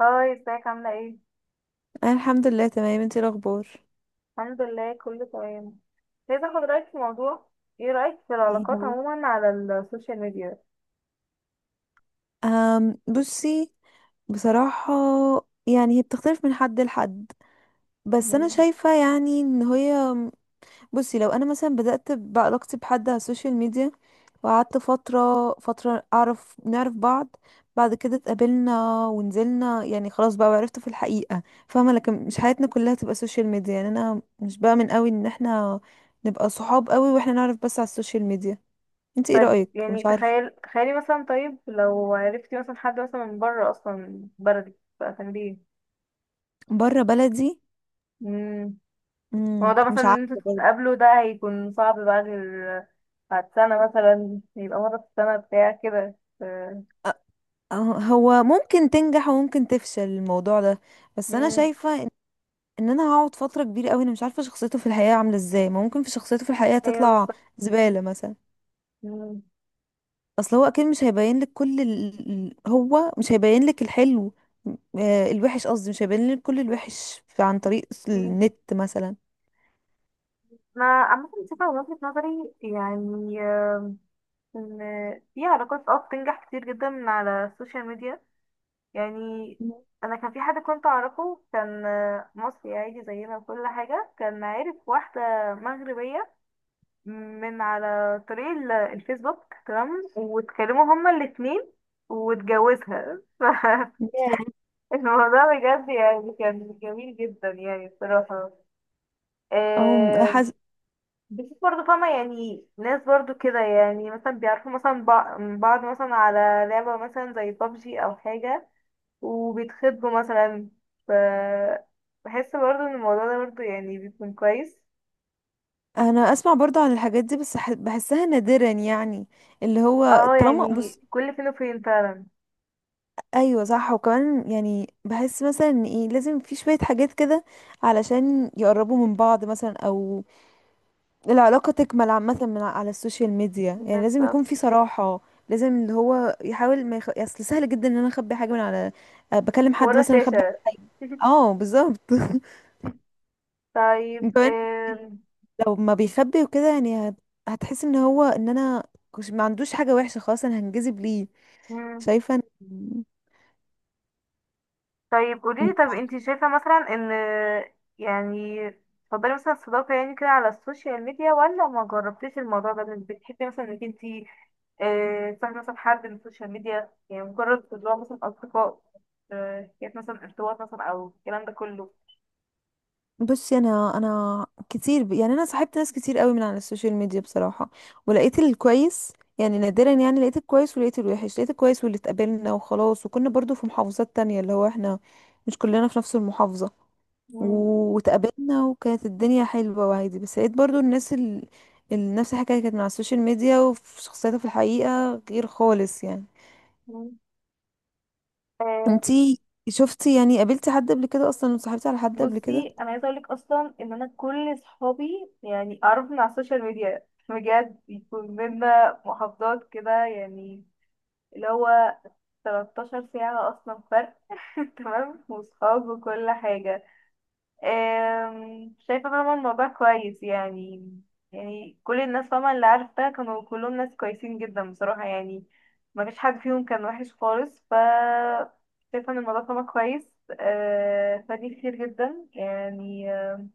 هاي ازيك عاملة ايه؟ انا الحمد لله تمام. انتي إيه الاخبار؟ الحمد لله كله تمام. عايزة اخد رأيك في موضوع. ايه رأيك في ايه العلاقات هو؟ عموما على السوشيال ميديا؟ بصي. بصراحة، يعني هي بتختلف من حد لحد. بس انا مم. شايفة يعني ان هي... بصي، لو انا مثلا بدأت بعلاقتي بحد على السوشيال ميديا وقعدت فترة فترة نعرف بعض، بعد كده اتقابلنا ونزلنا يعني خلاص بقى وعرفته في الحقيقة. فاهمة؟ لكن مش حياتنا كلها تبقى سوشيال ميديا، يعني انا مش بأمن قوي ان احنا نبقى صحاب قوي واحنا نعرف بس على السوشيال ميديا. انتي ايه طيب رأيك؟ يعني مش عارفة. تخيلي مثلا، طيب لو عرفتي مثلا حد مثلا من بره اصلا بلدك بقى كان بيه. بره بلدي. مم. مم. الموضوع مثلا مش ان عارفة انتوا برضه. تتقابلوا ده هيكون صعب بقى، غير بعد سنة مثلا، يبقى مرة في السنة بتاع كده أ- أه- هو ممكن تنجح وممكن تفشل الموضوع ده. بس انا مم. شايفة إن انا هقعد فترة كبيرة قوي، انا مش عارفة شخصيته في الحقيقة عاملة ازاي، ما ممكن في شخصيته في الحقيقة ايوه تطلع بالظبط. زبالة مثلا. مم. اصل هو اكيد مش هيبين لك كل هو مش هيبين لك الحلو. الوحش قصدي، مش هيبين لك كل الوحش عن طريق النت مثلا. انا عامة شايفة من وجهة نظري يعني ان في علاقات اه بتنجح كتير جدا من على السوشيال ميديا. يعني انا كان في حد كنت اعرفه، كان مصري عادي زينا وكل حاجه، كان عارف واحده مغربيه من على طريق الفيسبوك، تمام، واتكلموا هما الاتنين واتجوزها فالموضوع بجد يعني كان جميل جدا يعني بصراحه. أو آه، حز... بشوف برضه فاهمة، يعني ناس برضه كده، يعني مثلا بيعرفوا مثلا بعض مثلا على لعبة مثلا زي بابجي أو حاجة، وبيتخطبوا مثلا. ف بحس برضه إن الموضوع ده برضه يعني بيكون كويس. أنا أسمع برضو عن الحاجات دي بس بحسها نادرا، يعني اللي هو اه طالما بص. يعني كل فين وفين فعلا. ايوه صح. وكمان يعني بحس مثلا ان ايه، لازم في شويه حاجات كده علشان يقربوا من بعض مثلا، او العلاقه تكمل عامه من على السوشيال ميديا. يعني لازم يكون في بالظبط، صراحه، لازم اللي هو يحاول ما اصل سهل جدا ان انا اخبي حاجه من على... بكلم حد ورا مثلا اخبي. شاشة اه بالظبط طيب كمان ال- لو ما بيخبي وكده يعني هتحس ان هو ان انا ما عندوش حاجه وحشه، خلاص انا هنجذب ليه. مم، شايفه طيب قوليلي. طب انتي شايفة مثلا ان، يعني، تفضلي مثلا الصداقة يعني كده على السوشيال ميديا، ولا ما جربتيش الموضوع ده انك بتحبي مثلا انك انتي تصاحبي مثلا حد من السوشيال ميديا؟ يعني مجرد اللي هو مثلا أصدقاء، كانت مثلا ارتباط مثلا، أو الكلام ده كله. بصي، انا كتير يعني انا صاحبت ناس كتير قوي من على السوشيال ميديا بصراحه. ولقيت الكويس يعني نادرا، يعني لقيت الكويس ولقيت الوحش. لقيت الكويس واللي اتقابلنا وخلاص، وكنا برضو في محافظات تانية، اللي هو احنا مش كلنا في نفس المحافظه. مم. واتقابلنا وكانت الدنيا حلوه وعادي. بس لقيت برضو الناس نفس الحكايه كانت من على السوشيال ميديا وفي شخصيتها في الحقيقه غير خالص يعني. مم. آه، انتي يعني قابلتي حد قبل كده اصلا وصاحبتي على حد قبل كده؟ بصي أنا عايزة أقولك أصلا إن أنا كل صحابي يعني أعرف من على السوشيال ميديا، بجد بيكون بينا محافظات كده، يعني اللي هو 13 ساعة أصلا فرق تمام، وصحاب وكل حاجة. شايفة طبعا الموضوع كويس يعني، يعني كل الناس طبعا اللي عرفتها كانوا كلهم ناس كويسين جدا بصراحة يعني، ما فيش حد فيهم كان وحش خالص. شايفة ان الموضوع طبعا كويس. فدي كتير جدا يعني.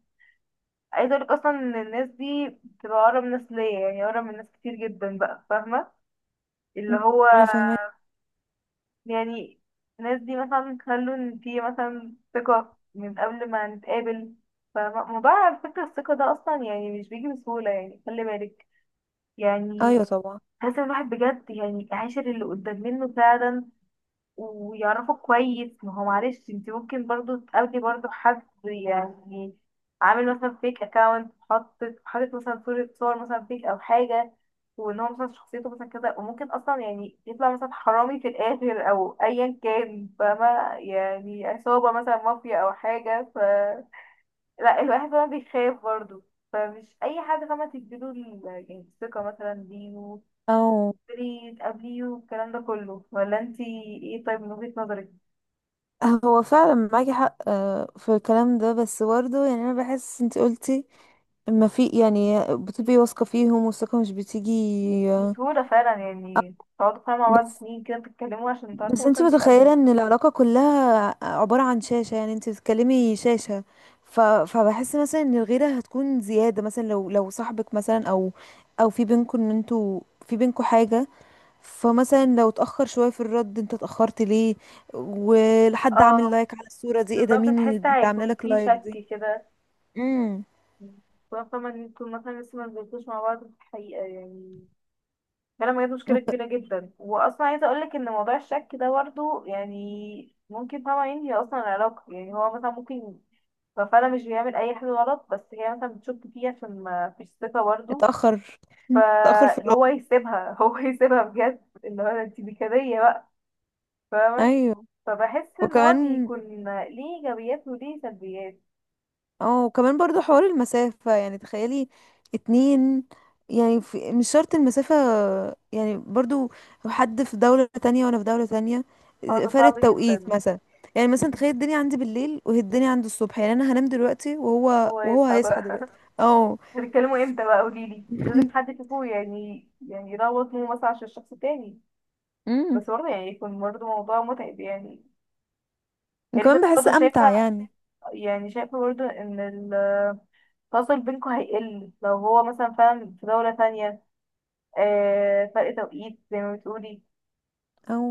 عايزة اقولك اصلا ان الناس دي بتبقى اقرب ناس ليا، يعني اقرب من ناس كتير جدا بقى، فاهمة؟ اللي مم. هو انا فاهمه. يعني الناس دي مثلا خلوا ان في مثلا ثقة من قبل ما نتقابل. فموضوع على فكرة الثقة ده أصلا يعني مش بيجي بسهولة، يعني خلي بالك، يعني ايوه طبعا. لازم الواحد بجد يعني يعاشر اللي قدام منه فعلا ويعرفوا كويس. ما هو معلش انت ممكن برضو تقابلي برضو حد يعني عامل مثلا فيك اكاونت، حاطط مثلا صورة، صور مثلا فيك او حاجة، وان هو مثلا شخصيته مثلا كذا، وممكن اصلا يعني يطلع مثلا حرامي في الاخر او ايا كان، فاهمة؟ يعني عصابة مثلا، مافيا او حاجة. لا الواحد طبعا بيخاف برضو. فمش اي حد فاهمة تديله يعني الثقة مثلا دي او وتقولي تقابليه والكلام ده كله. ولا انتي ايه، طيب، من وجهة نظرك؟ هو فعلا معاكي حق في الكلام ده، بس برضه يعني انا بحس انت قلتي ما في، يعني بتبقي واثقه فيهم والثقه مش بتيجي. آه، بسهولة فعلا، يعني تقعدوا فعلا مع بعض بس سنين كده بتتكلموا عشان بس تعرفوا انت مثلا متخيله تتقابلوا. ان العلاقه كلها عباره عن شاشه، يعني انت بتتكلمي شاشه. فبحس مثلا ان الغيره هتكون زياده مثلا، لو صاحبك مثلا، او او في بينكم ان انتوا في بينكم حاجه. فمثلا لو اتأخر شوية في الرد، انت اتأخرت ليه؟ ولحد عامل اه لايك على الصورة دي، ايه ده؟ بالظبط، مين تحس اللي عامله هيكون لك في لايك شك دي؟ كده، امم. خاصة لما انتوا مثلا لسه ما نزلتوش مع بعض في الحقيقة يعني. فعلا بجد مشكلة وك- كبيرة جدا، وأصلا عايزة أقولك إن موضوع الشك ده برضه يعني ممكن طبعا ينهي أصلا العلاقة، يعني هو مثلا ممكن ففعلا مش بيعمل أي حاجة غلط، بس هي مثلا بتشك فيه عشان ما فيش ثقة برضه. اتأخر اتأخر في الرد. فهو يسيبها هو يسيبها بجد، اللي هو انتي دي كدية بقى، فاهمة؟ ايوه فبحس ان هو وكمان. بيكون ليه ايجابيات وليه سلبيات. اه، وكمان برضو حوار المسافة. يعني تخيلي، اتنين، يعني في مش شرط المسافة، يعني برضو لو حد في دولة تانية وانا في دولة تانية، هو ده فرق صعب التوقيت جدا. مثلا. يعني مثلا مم. تخيل الدنيا عندي بالليل وهي الدنيا عنده الصبح، يعني انا هنام دلوقتي وهو هو وهو يصحى هيصحى بقى دلوقتي. اه. هتتكلموا امتى بقى؟ قوليلي، لازم حد فيكم يعني يعني يروض مو مثلا عشان الشخص التاني، امم. بس برضه يعني يكون برضه موضوع متعب يعني. يعني وكمان كانت بحس برضه امتع شايفة، يعني. يعني شايفة برضه ان التواصل بينكم هيقل لو هو مثلا فعلا في دولة تانية، آه، فرق توقيت زي ما بتقولي. او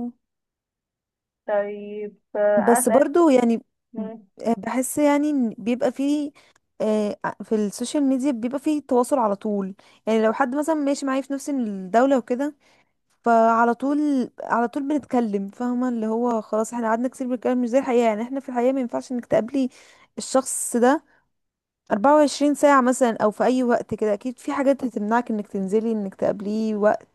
طيب بس انا برضو يعني اسأل. بحس يعني ان بيبقى فيه... آه، في السوشيال ميديا بيبقى فيه تواصل على طول. يعني لو حد مثلا ماشي معايا في نفس الدولة وكده، فعلى طول على طول بنتكلم، فاهمة اللي هو خلاص احنا قعدنا كتير بنتكلم. مش زي الحقيقة، يعني احنا في الحقيقة ما ينفعش انك تقابلي الشخص ده 24 ساعة مثلا، او في اي وقت كده اكيد في حاجات هتمنعك انك تنزلي انك تقابليه وقت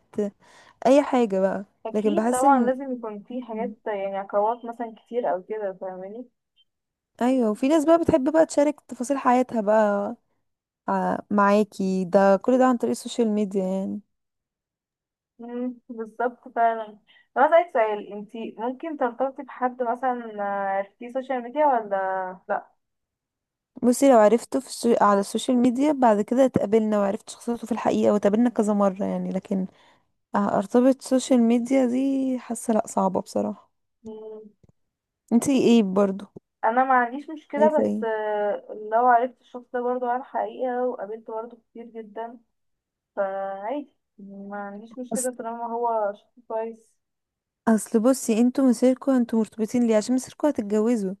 اي حاجة بقى. لكن اكيد بحس طبعا ان... لازم يكون في حاجات، مم. يعني عقبات مثلا كتير او كده، فاهماني؟ ايوه، وفي ناس بقى بتحب بقى تشارك تفاصيل حياتها بقى معاكي، ده كل ده عن طريق السوشيال ميديا يعني. مم، بالظبط فعلا. طب اسالك سؤال، انتي ممكن ترتبطي بحد مثلا في السوشيال ميديا ولا لا؟ بصي، لو عرفته في على السوشيال ميديا، بعد كده اتقابلنا وعرفت شخصيته في الحقيقة واتقابلنا كذا مرة يعني، لكن ارتبط سوشيال ميديا دي، حاسة لا صعبة بصراحة. مم، انتي ايه برضو انا ما عنديش مشكله، شايفة بس ايه؟ لو عرفت الشخص ده برضه على الحقيقه وقابلته برضه كتير جدا فعادي، ما عنديش اصل مشكله طالما هو شخص كويس. اصل بصي انتوا مسيركوا انتوا مرتبطين ليه، عشان مسيركوا هتتجوزوا.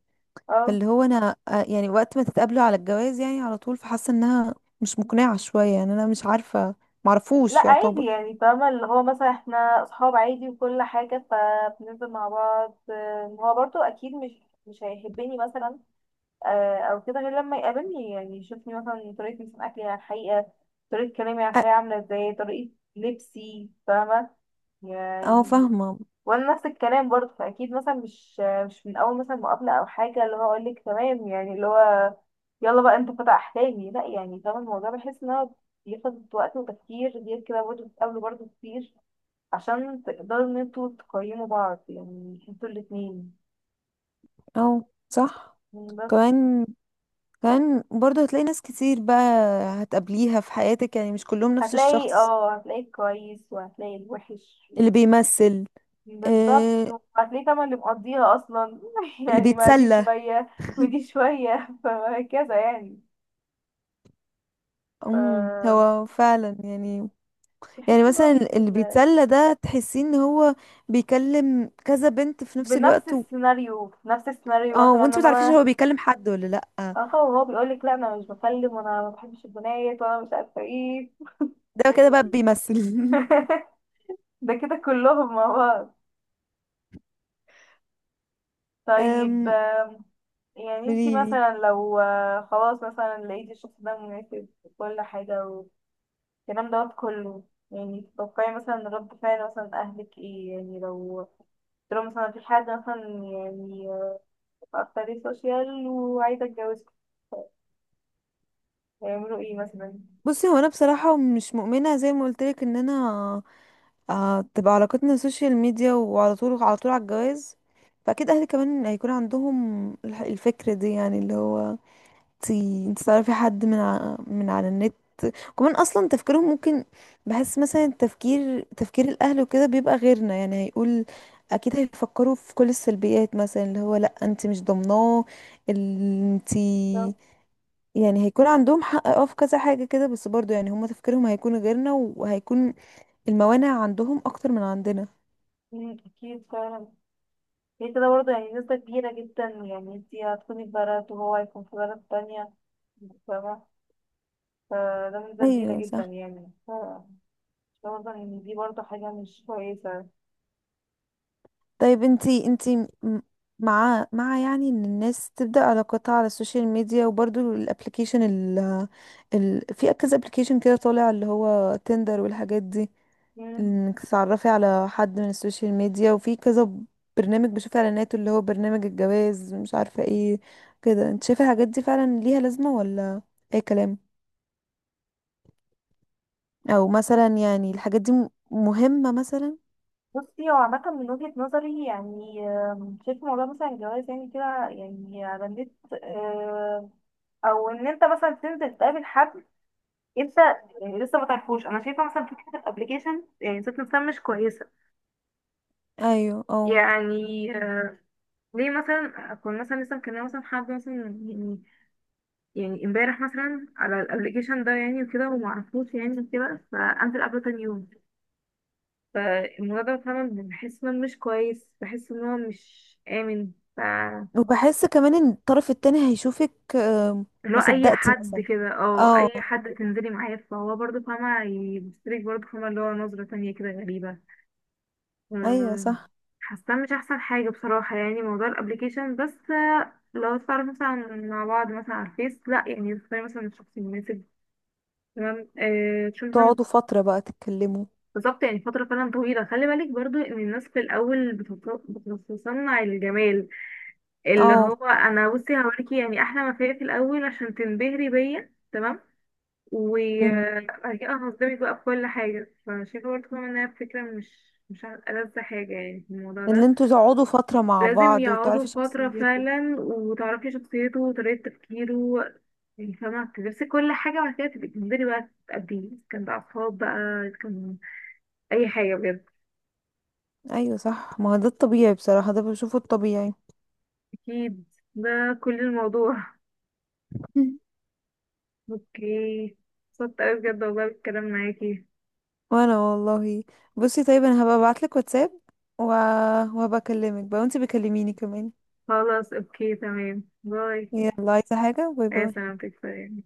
اه فاللي هو انا يعني وقت ما تتقابلوا على الجواز يعني على طول، فحاسه انها مش مقنعه شويه يعني، انا مش عارفه، لا معرفوش عادي يعتبر. يعني فاهمة اللي هو مثلا احنا اصحاب عادي وكل حاجة، فبننزل مع بعض. هو برضو اكيد مش هيحبني مثلا او كده غير لما يقابلني، يعني يشوفني مثلا طريقة مثلا اكلي على الحقيقة، طريقة كلامي على أ- الحقيقة عاملة ازاي، طريقة لبسي، فاهمة؟ اه يعني فاهمه. وانا نفس الكلام برضه، فاكيد مثلا مش من اول مثلا مقابله او حاجه اللي هو اقول لك تمام، يعني اللي هو يلا بقى انت فتح احلامي، لا يعني فاهم الموضوع. بحس ان هو بياخد وقت وتفكير، غير كده برضه بتقابلوا برضه كتير عشان تقدروا ان انتوا تقيموا بعض، يعني انتوا الاتنين. اه صح. بس كمان كمان برضه هتلاقي ناس كتير بقى هتقابليها في حياتك، يعني مش كلهم نفس هتلاقي، الشخص اه هتلاقي الكويس وهتلاقي الوحش. اللي بيمثل. بالظبط، آه، وهتلاقي طبعا اللي مقضيها اصلا اللي يعني ما دي بيتسلى شويه ودي شويه فهكذا يعني. هو فعلا يعني، يعني بحس ان هو مثلا بيكون اللي بيتسلى ده تحسين ان هو بيكلم كذا بنت في نفس بنفس الوقت، السيناريو، في نفس السيناريو اه مثلا ان وانت ما تعرفيش هو انا، بيكلم حد ولا لا. اه هو بيقول لك لا انا مش بكلم، وانا ما بحبش البنات، وانا مش عارفه ايه ده كده بقى بيمثل ده كده كلهم مع بعض. طيب أم، يعني انتي قوليلي. مثلا لو خلاص مثلا لقيتي الشخص ده مناسب وكل حاجه والكلام دوت كله، يعني تتوقعي مثلا رد فعل مثلا اهلك ايه يعني؟ لو قلت لهم مثلا في حد مثلا يعني اكتر سوشيال وعايزه اتجوزك، هيعملوا ايه مثلا؟ بصي هو انا بصراحه مش مؤمنه زي ما قلت لك ان انا تبقى علاقتنا سوشيال ميديا وعلى طول على طول على الجواز. فاكيد اهلي كمان هيكون عندهم الفكره دي، يعني اللي هو انت انت تعرفي حد من من على النت. كمان اصلا تفكيرهم ممكن، بحس مثلا تفكير الاهل وكده بيبقى غيرنا. يعني هيقول، اكيد هيفكروا في كل السلبيات مثلا، اللي هو لا انت مش ضامناه. انت، يعني هيكون عندهم حق في كذا حاجة كده، بس برضو يعني هما تفكيرهم هيكون غيرنا، وهيكون الموانع عندهم اكتر من عندنا. مم، أكيد فعلا. هي كده برضه يعني نسبة كبيرة جدا، يعني انتي هتكوني في بلد وهو هيكون في بلد تانية، فاهمة؟ فده نسبة كبيرة ايوه جدا صح. يعني برضه إن دي برضه حاجة مش كويسة. طيب، انتي م- مع يعني ان الناس تبدأ علاقاتها على السوشيال ميديا، وبرضو الابليكيشن في كذا ابليكيشن كده طالع، اللي هو تندر والحاجات دي، مم. انك تتعرفي على حد من السوشيال ميديا، وفي كذا برنامج، بشوف اعلاناته اللي هو برنامج الجواز مش عارفة ايه. كده انت شايفة الحاجات دي فعلا ليها لازمة ولا اي كلام؟ او مثلا يعني الحاجات دي مهمة مثلا؟ بصي هو عامة من وجهة نظري يعني، شايف موضوع مثلا الجواز يعني كده، يعني على النت، آه، أو إن أنت مثلا تنزل تقابل حد، أنت يعني لسه ما تعرفوش. أنا شايفة مثلا فكرة الأبليكيشن يعني ذات نفسها مش كويسة، ايوه اه. يعني ليه مثلا اكون مثلا لسه مكلمه مثلا حد مثلا يعني يعني امبارح مثلا على الابلكيشن ده يعني وكده، وما اعرفوش يعني وكده، فانزل قبله تاني يوم؟ فالموضوع ده فعلا بحس انه مش كويس، بحس ان هو مش امن. وبحس كمان ان الطرف التاني هيشوفك. اللي هو ما اي صدقتي حد مثلا. كده، اه اه. اي حد تنزلي معاه فهو برضه فاهمه يبصلك برضه فاهمه اللي هو نظره تانية كده غريبه. ايوه مم، صح. حاسه مش احسن حاجه بصراحه يعني موضوع الابليكيشن. بس لو تعرف مثلا مع بعض مثلا على الفيس، لا يعني تختاري مثلا الشخص المناسب، تمام، آه تشوفي مثلا، تقعدوا فترة بقى تتكلموا. بالظبط، يعني فتره فعلا طويله. خلي بالك برضو ان الناس في الاول بتتصنع الجمال، اللي اه. هو انا بصي هوريكي يعني احلى ما فيا في الاول عشان تنبهري بيا، تمام، امم. وبعد كده هصدمك بقى في كل حاجه. فشايفه برضه كمان انها فكره مش مش ألذ حاجه يعني في الموضوع اللي ده. انتوا تقعدوا فترة مع لازم بعض يقعدوا وتعرفي فترة شخصيته. فعلا وتعرفي شخصيته وطريقة تفكيره، يعني فاهمة تدرسي كل حاجة، وبعد كده تبقي تنزلي بقى تقابليه، إذا كان بقى أصحاب بقى، إذا كان أي حاجة، بجد. ايوه صح، ما هو ده الطبيعي بصراحة، ده بشوفه الطبيعي. أكيد ده كل الموضوع مم. اوكي، اتبسطت أوي بجد والله بالكلام معاكي. وانا والله. بصي طيب، انا هبقى ابعتلك واتساب و... وهبقى اكلمك بقى وانتي بكلميني كمان. خلاص اوكي تمام، باي. يلا، عايزة حاجة؟ باي يا باي. سلامتك، سلام.